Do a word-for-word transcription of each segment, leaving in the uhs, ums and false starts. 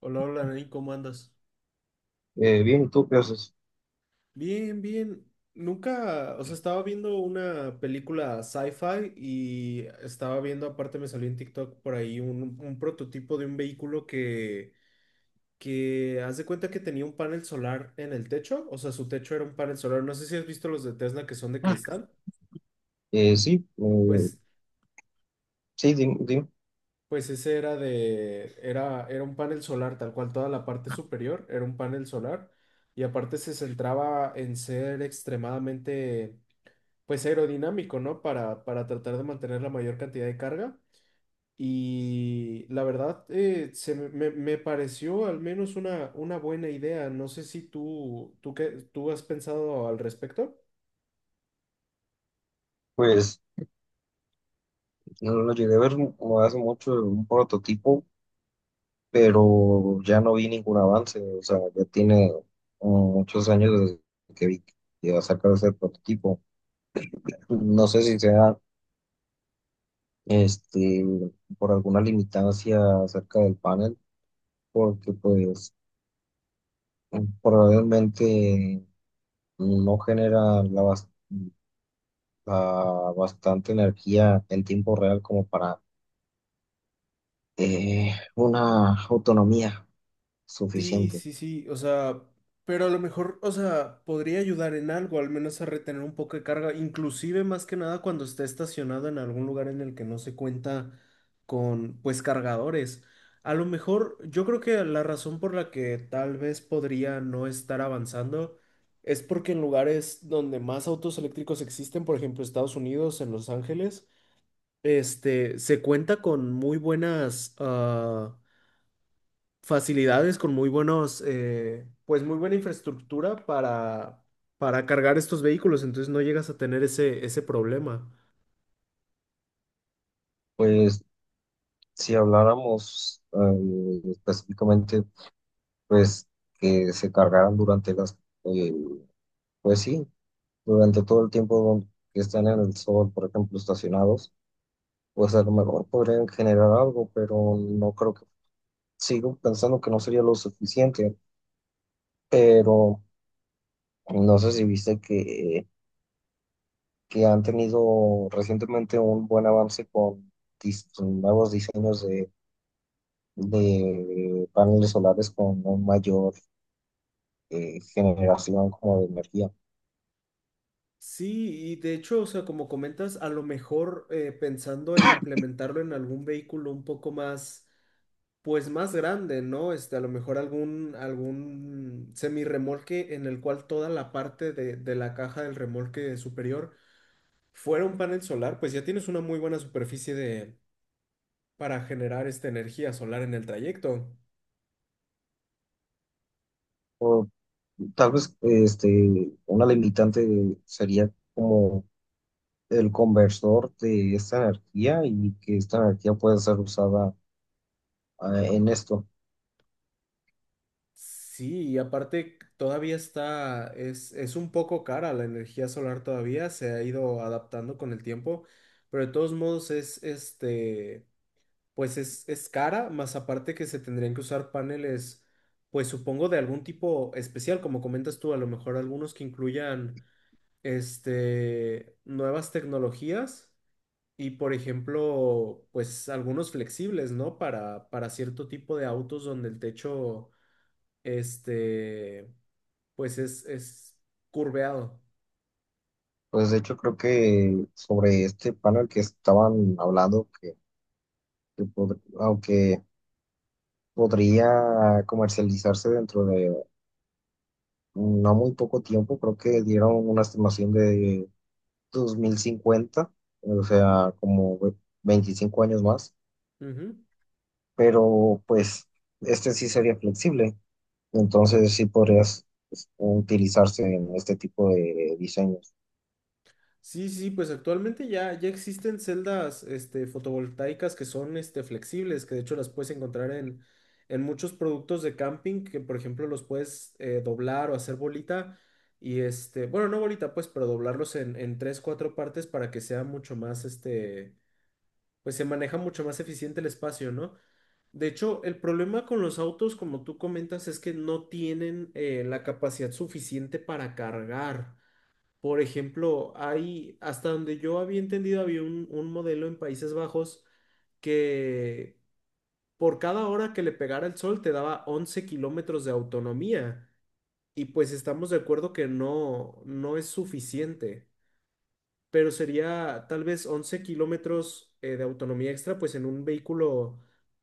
Hola, hola, Nain, ¿cómo andas? Eh, bien, ¿y tú qué haces? Bien, bien. Nunca, o sea, estaba viendo una película sci-fi y estaba viendo, aparte me salió en TikTok por ahí un, un prototipo de un vehículo que, que haz de cuenta que tenía un panel solar en el techo, o sea, su techo era un panel solar. No sé si has visto los de Tesla que son de cristal. Eh, sí, eh, Pues, sí, dim- Dime. pues ese era de, era, era un panel solar, tal cual, toda la parte superior era un panel solar y aparte se centraba en ser extremadamente pues aerodinámico, ¿no? Para, para tratar de mantener la mayor cantidad de carga. Y la verdad, eh, se me, me- me pareció al menos una, una buena idea. No sé si tú, tú, qué- tú has pensado al respecto. Pues no lo llegué a ver como hace mucho un prototipo, pero ya no vi ningún avance. O sea, ya tiene mm, muchos años desde que vi que iba a sacar ese prototipo. No sé si sea este por alguna limitancia acerca del panel, porque pues probablemente no genera la, bas- la bastante energía en tiempo real como para eh, una autonomía Sí, suficiente. sí, sí, o sea, pero a lo mejor, o sea, podría ayudar en algo, al menos a retener un poco de carga, inclusive más que nada cuando esté estacionado en algún lugar en el que no se cuenta con, pues, cargadores. A lo mejor, yo creo que la razón por la que tal vez podría no estar avanzando es porque en lugares donde más autos eléctricos existen, por ejemplo, Estados Unidos, en Los Ángeles, este, se cuenta con muy buenas, ah, facilidades, con muy buenos, eh, pues muy buena infraestructura para, para cargar estos vehículos, entonces no llegas a tener ese, ese problema. Pues si habláramos eh, específicamente, pues que se cargaran durante las, eh, pues sí, durante todo el tiempo que están en el sol, por ejemplo, estacionados, pues a lo mejor podrían generar algo, pero no creo que, sigo pensando que no sería lo suficiente, pero no sé si viste que, que han tenido recientemente un buen avance con dis- nuevos diseños de paneles solares con una mayor eh, generación como de energía. Sí, y de hecho, o sea, como comentas, a lo mejor eh, pensando en implementarlo en algún vehículo un poco más, pues más grande, ¿no? Este, a lo mejor algún, algún semirremolque en el cual toda la parte de, de la caja del remolque superior fuera un panel solar, pues ya tienes una muy buena superficie de para generar esta energía solar en el trayecto. O tal vez este, una limitante sería como el conversor de esta energía y que esta energía puede ser usada eh, en esto. Sí, y aparte todavía está, es, es un poco cara la energía solar todavía, se ha ido adaptando con el tiempo, pero de todos modos es, este, pues es, es cara, más aparte que se tendrían que usar paneles, pues supongo de algún tipo especial, como comentas tú, a lo mejor algunos que incluyan, este, nuevas tecnologías. Y por ejemplo, pues algunos flexibles, ¿no? Para, para cierto tipo de autos donde el techo, este, pues es, es curveado. Pues de hecho creo que sobre este panel que estaban hablando, que, que pod- aunque podría comercializarse dentro de no muy poco tiempo, creo que dieron una estimación de dos mil cincuenta, o sea, como ve- veinticinco años más, Ujú. pero pues este sí sería flexible, entonces sí podrías, pues, utilizarse en este tipo de diseños. Sí, sí, pues actualmente ya, ya existen celdas, este, fotovoltaicas que son, este, flexibles, que de hecho las puedes encontrar en, en muchos productos de camping, que por ejemplo los puedes eh, doblar o hacer bolita. Y este, bueno, no bolita, pues, pero doblarlos en, en tres, cuatro partes para que sea mucho más, este, pues se maneja mucho más eficiente el espacio, ¿no? De hecho, el problema con los autos, como tú comentas, es que no tienen eh, la capacidad suficiente para cargar. Por ejemplo, hay, hasta donde yo había entendido, había un, un modelo en Países Bajos que por cada hora que le pegara el sol te daba once kilómetros de autonomía. Y pues estamos de acuerdo que no, no es suficiente, pero sería tal vez once kilómetros eh, de autonomía extra, pues en un vehículo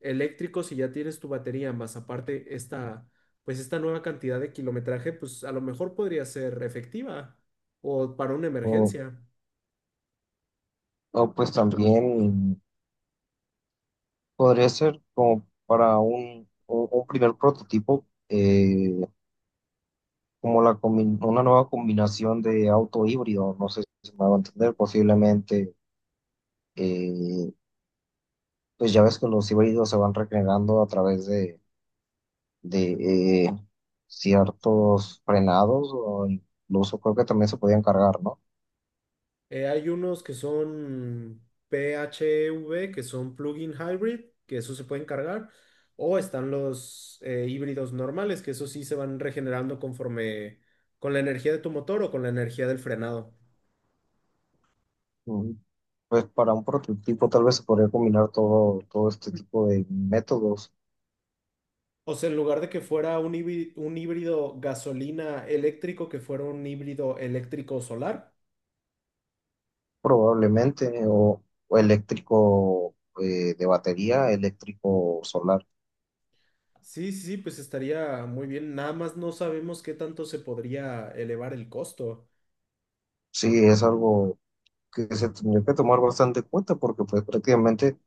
eléctrico, si ya tienes tu batería, más aparte esta, pues esta nueva cantidad de kilometraje, pues a lo mejor podría ser efectiva o para una O, emergencia. o, pues también podría ser como para un, un- un primer prototipo, eh, como la combi- una nueva combinación de auto híbrido, no sé si me va a entender, posiblemente, eh, pues ya ves que los híbridos se van regenerando a través de de eh, ciertos frenados o incluso creo que también se podían cargar, ¿no? Eh, hay unos que son P H E V, que son plug-in hybrid, que eso se pueden cargar, o están los eh, híbridos normales, que eso sí se van regenerando conforme con la energía de tu motor o con la energía del frenado. Mm, Pues para un prototipo tal vez se podría combinar todo, todo este tipo de métodos, O sea, en lugar de que fuera un híbrido, un híbrido gasolina eléctrico, que fuera un híbrido eléctrico solar. probablemente, o, o eléctrico, eh, de batería, eléctrico solar. Sí, sí, sí, pues estaría muy bien. Nada más no sabemos qué tanto se podría elevar el costo. Sí, es algo que se tendría que tomar bastante en cuenta porque pues prácticamente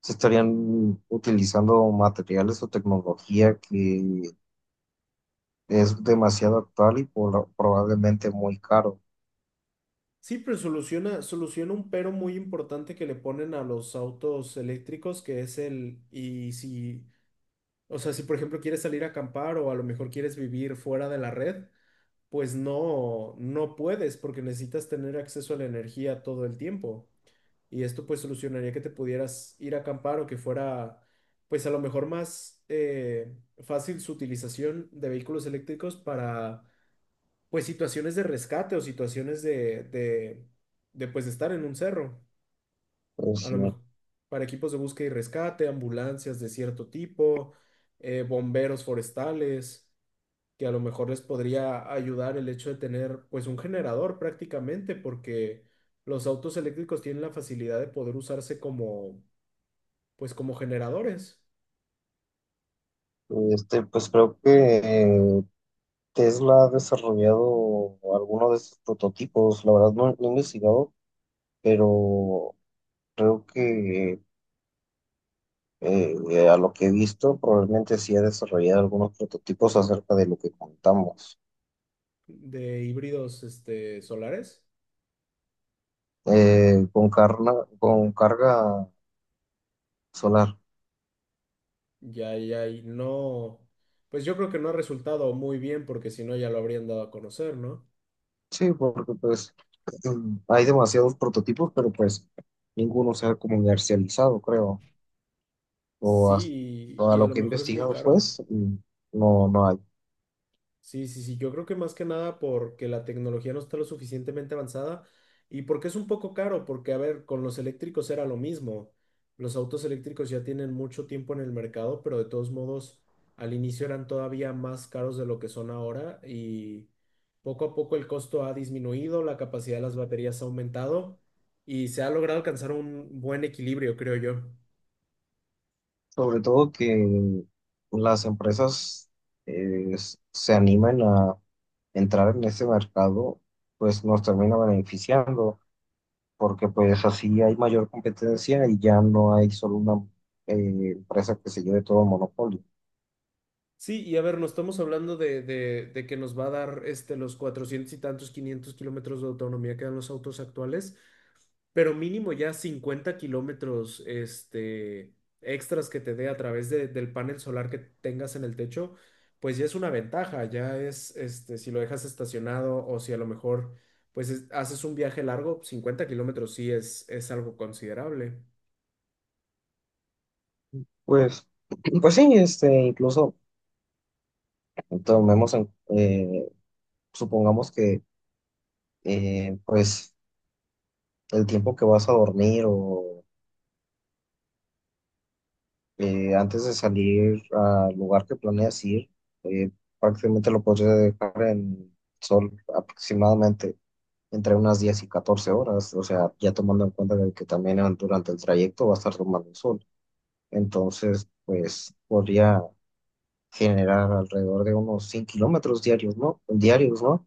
se estarían utilizando materiales o tecnología que es demasiado actual y por- probablemente muy caro. Sí, pero soluciona, soluciona un pero muy importante que le ponen a los autos eléctricos, que es el, y si, o sea, si por ejemplo quieres salir a acampar o a lo mejor quieres vivir fuera de la red, pues no, no puedes porque necesitas tener acceso a la energía todo el tiempo. Y esto pues solucionaría que te pudieras ir a acampar o que fuera pues a lo mejor más eh, fácil su utilización de vehículos eléctricos para pues situaciones de rescate o situaciones de, de, de pues de estar en un cerro, Pues a lo sí. mejor para equipos de búsqueda y rescate, ambulancias de cierto tipo, eh, bomberos forestales que a lo mejor les podría ayudar el hecho de tener pues un generador prácticamente porque los autos eléctricos tienen la facilidad de poder usarse como pues como generadores Este, pues creo que eh, Tesla ha desarrollado algunos de estos prototipos. La verdad no, no he investigado, pero creo que eh, a lo que he visto probablemente sí ha desarrollado algunos prototipos acerca de lo que contamos. de híbridos este, solares. Eh, con carga, con carga solar. Ya, ya, y no, pues yo creo que no ha resultado muy bien porque si no ya lo habrían dado a conocer, ¿no? Sí, porque pues em, hay demasiados prototipos, pero pues ninguno se ha comercializado, creo. O hasta Sí, y, a y a lo lo que he mejor es muy investigado, caro. pues, mm, no, no hay. Sí, sí, sí, yo creo que más que nada porque la tecnología no está lo suficientemente avanzada y porque es un poco caro, porque a ver, con los eléctricos era lo mismo. Los autos eléctricos ya tienen mucho tiempo en el mercado, pero de todos modos al inicio eran todavía más caros de lo que son ahora y poco a poco el costo ha disminuido, la capacidad de las baterías ha aumentado y se ha logrado alcanzar un buen equilibrio, creo yo. Sobre todo que las empresas eh, se animen a entrar en ese mercado, pues nos termina beneficiando, porque pues así hay mayor competencia y ya no hay solo una eh, empresa que se lleve todo el monopolio. Sí, y a ver, no estamos hablando de, de- de que nos va a dar este, los cuatrocientos y tantos, quinientos kilómetros de autonomía que dan los autos actuales, pero mínimo ya cincuenta kilómetros este, extras que te dé a través de- del panel solar que tengas en el techo, pues ya es una ventaja, ya es, este, si lo dejas estacionado o si a lo mejor pues es- haces un viaje largo, cincuenta kilómetros sí es, es algo considerable. Pues, pues sí, este, incluso. Tomemos en- eh, Supongamos que, eh, pues, el tiempo que vas a dormir o, eh, antes de salir al lugar que planeas ir, eh, prácticamente lo podrías dejar en sol aproximadamente entre unas diez y catorce horas, o sea, ya tomando en cuenta de que también en- durante el trayecto va a estar tomando el sol. Entonces, pues podría generar alrededor de unos cien kilómetros diarios, ¿no? Diarios, ¿no?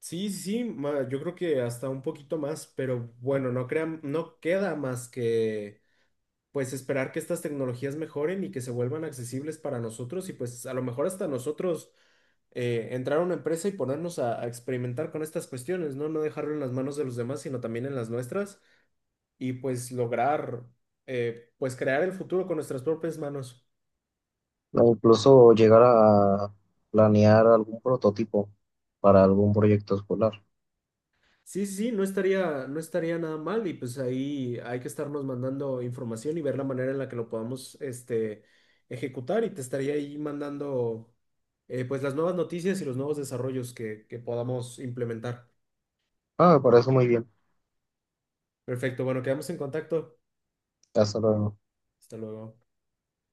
Sí, sí, sí, ma- yo creo que hasta un poquito más, pero bueno, no crean, no queda más que pues esperar que estas tecnologías mejoren y que se vuelvan accesibles para nosotros y pues a lo mejor hasta nosotros eh, entrar a una empresa y ponernos a, a experimentar con estas cuestiones, ¿no? No dejarlo en las manos de los demás, sino también en las nuestras y pues lograr eh, pues crear el futuro con nuestras propias manos. O incluso llegar a planear algún prototipo para algún proyecto escolar. Sí, sí, sí, no estaría, no estaría nada mal y pues ahí hay que estarnos mandando información y ver la manera en la que lo podamos este, ejecutar y te estaría ahí mandando eh, pues las nuevas noticias y los nuevos desarrollos que, que podamos implementar. Ah, me parece muy bien. Perfecto, bueno, quedamos en contacto. Hasta luego. Hasta luego.